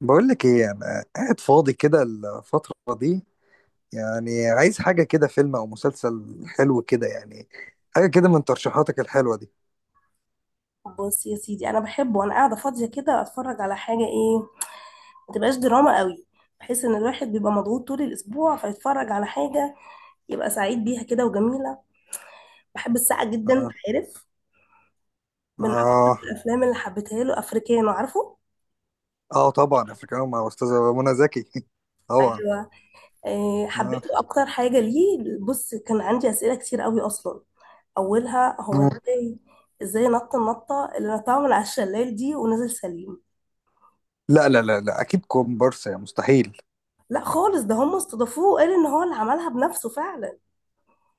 بقول لك ايه، انا قاعد فاضي كده الفترة دي. يعني عايز حاجة كده، فيلم او مسلسل حلو كده يعني. حاجة كده من ترشيحاتك الحلوة دي. بص يا سيدي، انا بحب وانا قاعده فاضيه كده اتفرج على حاجه، ايه؟ ما تبقاش دراما قوي، بحيث ان الواحد بيبقى مضغوط طول الاسبوع فيتفرج على حاجه يبقى سعيد بيها كده وجميله. بحب الساعه جدا، أنت اه. عارف. من اكتر اه. الافلام اللي حبيتها له افريكانو، عارفه. اه طبعا، افريكانو مع استاذة منى زكي طبعا. ايوه. إيه، اه. حبيته اكتر حاجه ليه؟ بص، كان عندي اسئله كتير قوي اصلا. اولها، هو مم. ازاي نط النطه اللي نطها من على الشلال دي ونزل سليم؟ لا لا لا لا، اكيد كومبارس، يا مستحيل. لا خالص، ده هم استضافوه وقال ان هو اللي عملها بنفسه فعلا.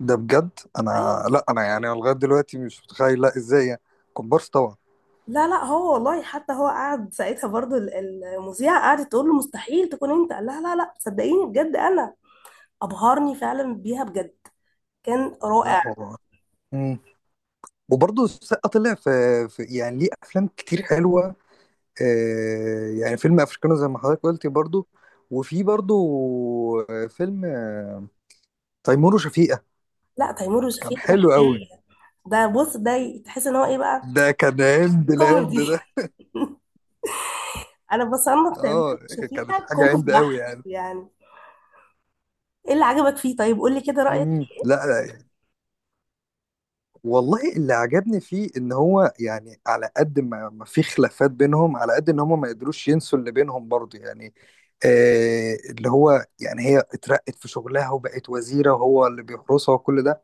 ده بجد؟ انا، أيوة. لا انا يعني لغاية دلوقتي مش متخيل، لا ازاي يعني. كومبارس طبعا. لا لا، هو والله، حتى هو قعد ساعتها برضو المذيعة قعدت تقول له مستحيل تكون انت، قال لها لا لا صدقيني بجد انا. ابهرني فعلا بيها بجد، كان لا رائع. هو. مم. وبرضه السقا طلع في يعني ليه افلام كتير حلوة. يعني فيلم افريكانو زي ما حضرتك قلتي برضو. وفي برضو فيلم تيمور وشفيقة. لا، تيمور كان وشفيقة ده حلو قوي. حكاية. ده بص، ده تحس ان هو ايه بقى، ده كان هند الهند كوميدي. ده. انا بصنف تيمور اه، كانت وشفيقة حاجة كوميدي هند قوي بحت يعني. يعني. ايه اللي عجبك فيه؟ طيب قول لي كده رأيك. لا لا، والله اللي عجبني فيه ان هو يعني على قد ما ما في خلافات بينهم، على قد ان هم ما قدروش ينسوا اللي بينهم برضو يعني. آه اللي هو يعني هي اترقت في شغلها وبقت وزيرة، وهو اللي بيحرسها وكل ده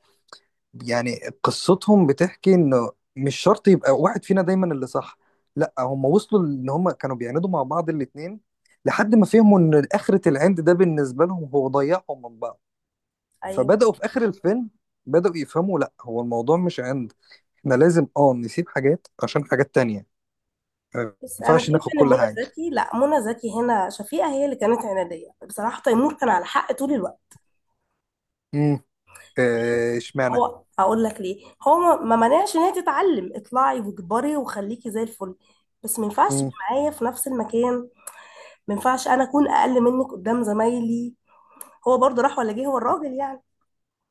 يعني. قصتهم بتحكي انه مش شرط يبقى واحد فينا دايما اللي صح. لا هم وصلوا ان هم كانوا بيعاندوا مع بعض الاتنين، لحد ما فهموا ان اخرة العند ده بالنسبة لهم هو ضيعهم من بعض. ايوه، فبدأوا في اخر الفيلم، بدأوا يفهموا لا هو الموضوع مش عند. احنا لازم اه نسيب حاجات عشان حاجات تانية. ما بس انا ينفعش شايفه ناخد ان كل منى حاجة. زكي، لا، منى زكي هنا شفيقة هي اللي كانت عنادية، بصراحة تيمور كان على حق طول الوقت. امم. اشمعنى؟ هو، اقول لك ليه، هو ما مانعش ان هي تتعلم، اطلعي واكبري وخليكي زي الفل، بس ما ينفعش تبقي امم. معايا في نفس المكان. ما ينفعش انا اكون اقل منك قدام زمايلي، هو برضه راح ولا جه هو الراجل يعني.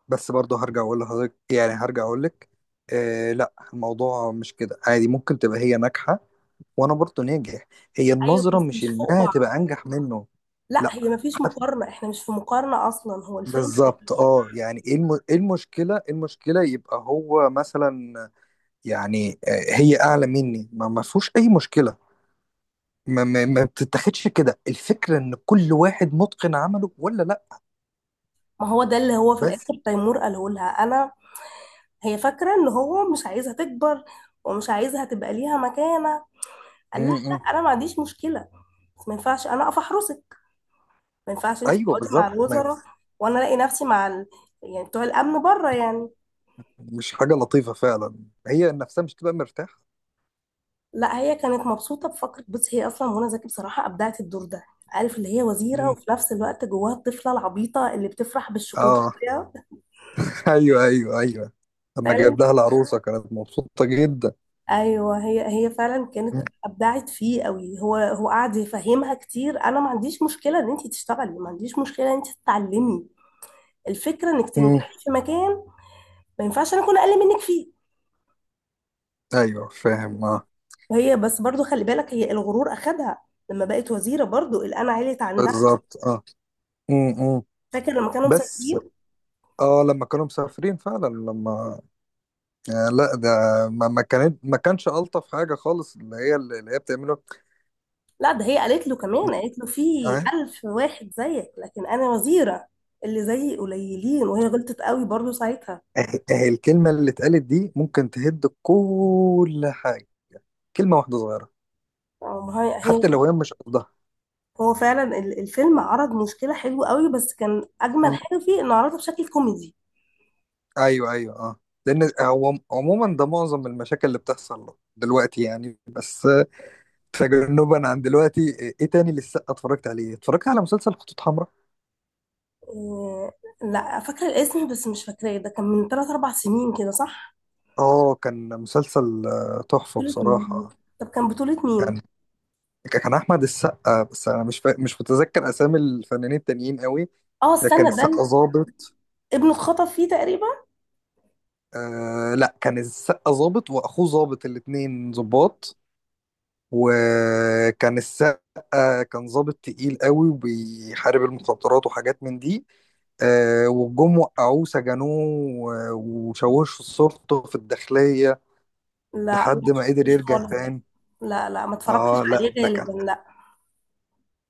بس برضه هرجع اقول لحضرتك، يعني هرجع اقول لك، آه لا الموضوع مش كده عادي. ممكن تبقى هي ناجحة وانا برضه ناجح. هي ايوه النظره بس مش مش فوق انها بعض. تبقى انجح منه. لا، لا. هي ما فيش حت- مقارنه، احنا مش في مقارنه اصلا، هو الفيلم بالظبط اه، يعني ايه إيه المشكله، إيه المشكله يبقى هو مثلا يعني هي اعلى مني، ما فيهوش اي مشكله. ما بتتاخدش كده الفكره ان كل واحد متقن عمله ولا لا؟ ما هو ده اللي هو في بس. الاخر تيمور قاله لها، انا. هي فاكره ان هو مش عايزها تكبر ومش عايزها تبقى ليها مكانه، قال لها م -م. لا، انا ما عنديش مشكله، بس ما ينفعش انا اقف احرسك، ما ينفعش انت ايوه تقعدي مع بالظبط. ما الوزراء ف- وانا الاقي نفسي مع ال... يعني بتوع الامن بره يعني. مش حاجه لطيفه فعلا. هي نفسها مش تبقى مرتاحه. لا، هي كانت مبسوطه بفكره. بصي، هي اصلا منى زكي بصراحه ابدعت الدور ده، عارف، اللي هي وزيره م. وفي نفس الوقت جواها الطفله العبيطه اللي بتفرح بالشوكولاته. اه ايوه ايوه ايوه، لما فعلا. جاب لها العروسه كانت مبسوطه جدا. ايوه، هي فعلا كانت ابدعت فيه قوي. هو قعد يفهمها كتير: انا ما عنديش مشكله ان انت تشتغلي، ما عنديش مشكله ان انت تتعلمي، الفكره انك م. تنجحي في مكان، ما ينفعش انا اكون اقل منك فيه. ايوه فاهم اه. وهي بس برضو خلي بالك، هي الغرور اخدها لما بقت وزيره، برضو القلعه عليت عندها. بالظبط اه. إمم. فاكر لما كانوا بس. مسافرين؟ اه لما كانوا مسافرين فعلا، لما آه لا ده، ما كانش الطف حاجه خالص اللي هي اللي هي بتعمله. لا، ده هي قالت له كمان قالت له: في اه. ألف واحد زيك لكن انا وزيره، اللي زيي قليلين. وهي غلطت قوي برضو ساعتها. اه، اه الكلمه اللي اتقالت دي ممكن تهد كل حاجه، كلمه واحده صغيره. آه، ما هي حتى هي لو هي مش قصدها. هو فعلا الفيلم عرض مشكله حلوه قوي، بس كان اجمل مم. حاجه فيه انه عرضها بشكل كوميدي. ايوه ايوه اه. لان هو عموما ده معظم المشاكل اللي بتحصل دلوقتي يعني، بس تجنبا عن دلوقتي. ايه تاني لسه اتفرجت عليه؟ اتفرجت على مسلسل خطوط حمراء. آه، لا فاكره الاسم بس مش فاكراه، ده كان من 3 4 سنين كده، صح؟ اه كان مسلسل تحفة بطوله مين؟ بصراحة. طب كان بطوله مين؟ يعني كان أحمد السقا، بس أنا مش متذكر أسامي الفنانين التانيين قوي. اه كان استنى، ده السقا ظابط. ابنه اتخطف فيه تقريبا. آه لا، كان السقا ظابط وأخوه ظابط، الاتنين ظباط. وكان السقا كان ظابط تقيل قوي، وبيحارب المخدرات وحاجات من دي. وجم وقعوه سجنوه، وشوشوا صورته في الداخلية، لا انا ما لحد ما قدر شفتوش يرجع خالص ده، تاني. لا لا ما اتفرجتش اه لا عليه ده كان. غالبا، لا.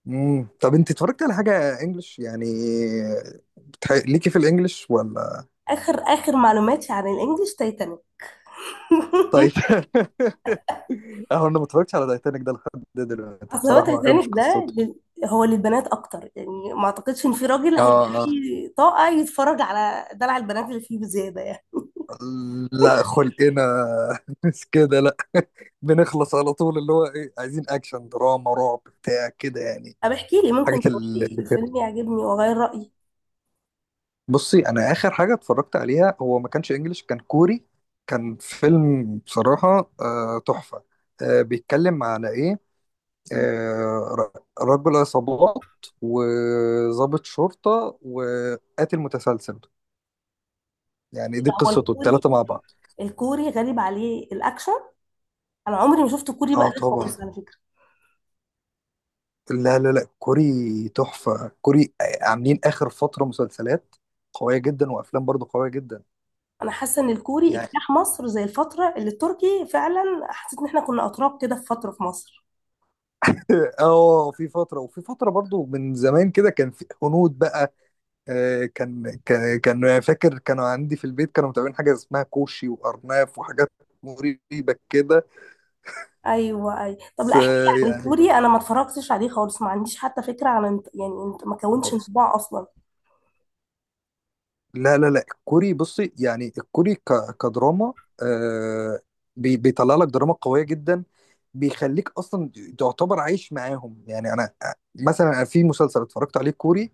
طب انت اتفرجت على حاجة انجلش يعني؟ ليكي في الانجلش ولا؟ اخر اخر معلوماتي عن الانجليش تايتانيك. طيب اهو انا ما اتفرجتش على تايتانيك ده لحد دلوقتي اصل هو بصراحة، ما تايتانيك بحبش ده قصته. لل... هو للبنات اكتر يعني، ما اعتقدش ان في راجل هيبقى اه اه. ليه طاقه يتفرج على دلع البنات اللي فيه بزياده يعني. لا خلقنا مش كده لا بنخلص على طول. اللي هو ايه، عايزين اكشن دراما رعب بتاع كده يعني. طب احكي لي، ممكن تقول لي اللي كده. الفيلم يعجبني واغير رايي. بصي انا اخر حاجة اتفرجت عليها هو ما كانش انجلش، كان كوري. كان فيلم بصراحة تحفة. بيتكلم على ايه؟ آه، رجل عصابات، وضابط شرطة، وقاتل متسلسل. يعني دي ده هو قصته الكوري، التلاتة مع بعض. الكوري غريب عليه الاكشن، انا عمري ما شفت كوري بقى اه ده طبعا. خالص على فكره. لا لا لا، كوري تحفة، كوري عاملين آخر فترة مسلسلات قوية جدا وأفلام برضو قوية جدا. انا حاسه ان الكوري يعني اجتاح مصر زي الفتره اللي التركي، فعلا حسيت ان احنا كنا اتراك كده في فتره في مصر. اه، في فترة، وفي فترة برضو من زمان كده كان في هنود بقى. كان فاكر كانوا عندي في البيت كانوا متابعين حاجة اسمها كوشي وأرناف وحاجات مريبة كده. ايوه اي، طب بس لا احكي لي عن يعني الكوري، انا ما اتفرجتش عليه خالص، ما عنديش حتى فكره عن يعني انت ما كونش انطباع اصلا. لا لا لا، الكوري بصي يعني، الكوري كدراما آه، بيطلع لك دراما قوية جدا. بيخليك اصلا تعتبر عايش معاهم يعني. انا مثلا أنا في مسلسل اتفرجت عليه كوري،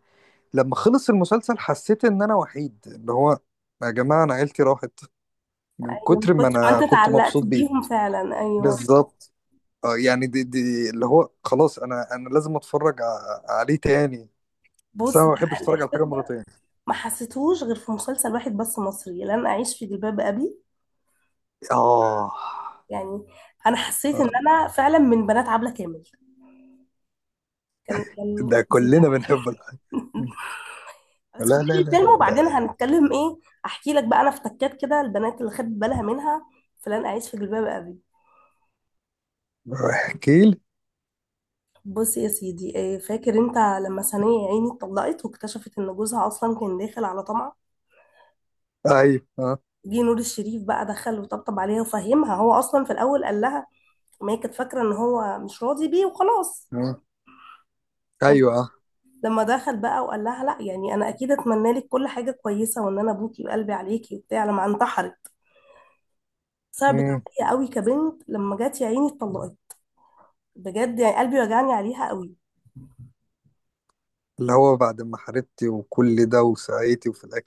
لما خلص المسلسل حسيت ان انا وحيد، اللي هو يا جماعة انا عيلتي راحت، من ايوه، من كتر ما كتر ما انا انت كنت اتعلقت مبسوط بيه. بيهم فعلا، ايوه. بالظبط. آه يعني دي اللي هو خلاص انا انا لازم اتفرج عليه تاني. بس انا بص ما ده، بحبش اتفرج على الاحساس حاجة ده مرتين. ما حسيتهوش غير في مسلسل واحد بس، مصري، لن اعيش في جلباب ابي اه. يعني. انا حسيت ان آه، انا فعلا من بنات عبله كامل، كان ده فظيع. كلنا بنحب. لا بس لا كنت في لا الفيلم، لا وبعدين ده. هنتكلم ايه؟ احكي لك بقى، انا افتكرت كده البنات اللي خدت بالها منها، فلان، اعيش في جلباب ابي. احكي لي. بص يا سيدي، إيه فاكر انت لما سنية يا عيني اتطلقت واكتشفت ان جوزها اصلا كان داخل على طمع؟ ايوه اه. جه نور الشريف بقى دخل وطبطب عليها وفهمها، هو اصلا في الاول قال لها، ما هي كانت فاكره ان هو مش راضي بيه وخلاص. آه. لما ايوه اه. لما دخل بقى وقال لها لا، يعني انا اكيد اتمنى لك كل حاجه كويسه، وان انا ابوكي وقلبي عليكي وبتاع، لما انتحرت صعبت مم. عليا قوي كبنت، لما جت يا عيني اتطلقت بجد، يعني قلبي وجعني عليها قوي. اللي هو بعد ما حاربتي وكل ده وسعيتي، وفي الاخر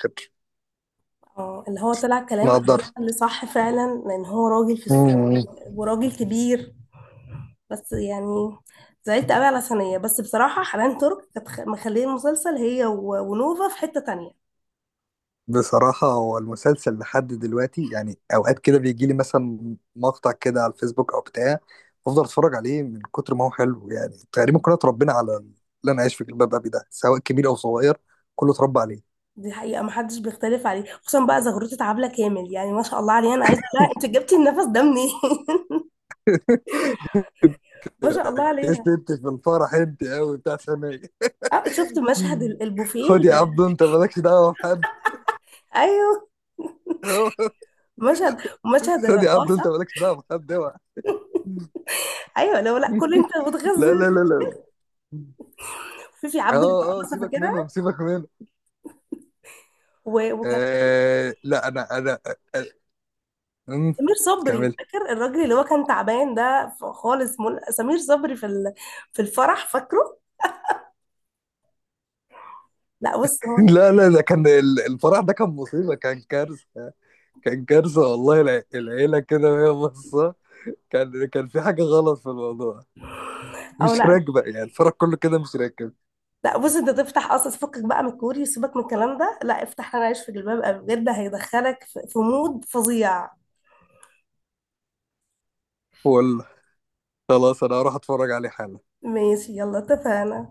اه، اللي هو طلع كلام ما أبوها قدرت. اللي صح فعلا، لان هو راجل في السوق مم. وراجل كبير، بس يعني زعلت قوي على ثانية. بس بصراحة حنان ترك كانت مخليه المسلسل، هي ونوفا، في حتة تانية. بصراحة هو المسلسل لحد دلوقتي يعني اوقات كده بيجي لي مثلا مقطع كده على الفيسبوك او بتاع، افضل اتفرج عليه من كتر ما هو حلو. يعني تقريبا كلنا اتربينا على اللي انا عايش في جلباب ابي ده، سواء كبير او صغير كله اتربى عليه. دي حقيقة محدش بيختلف عليه، خصوصا بقى زغروتة عبلة كامل، يعني ما شاء الله عليها، انا عايزة بقى انت جبتي النفس ده منين؟ ما شاء الله عليها. كسبت في الفرح انت قوي بتاع ثانية. اه، شفت مشهد البوفيه خد يا عبدو انت مالكش دعوه بحد. ايوه، مشهد مشهد خد يا عبدو الرقاصة. انت مالكش دعوه بحد، اوعى ايوه، لو لا كل انت لا لا بتغزل لا لا لا. في اه عبد اه، الرحمن سيبك فاكرها؟ منهم سيبك منهم. وكان آه لا انا انا. آه. آه. سمير صبري، كمل. فاكر الراجل اللي هو كان تعبان ده خالص، سمير صبري في في الفرح فاكره؟ لا بص هو، لا لا، ده كان الفرح ده كان مصيبه، كان كارثه. كان كارثه والله، العيله كده وهي باصه كان كان في حاجه غلط في الموضوع، او مش لا، راكبه، يعني الفرح كله كده مش راكب. لا بص انت تفتح اصلا فكك بقى من الكوري، سيبك من الكلام ده، لا افتح انا عايش في جلباب ابي بجد، هيدخلك في مود فظيع. والله خلاص، انا هروح اتفرج عليه حالا. ماشي يلا، اتفقنا.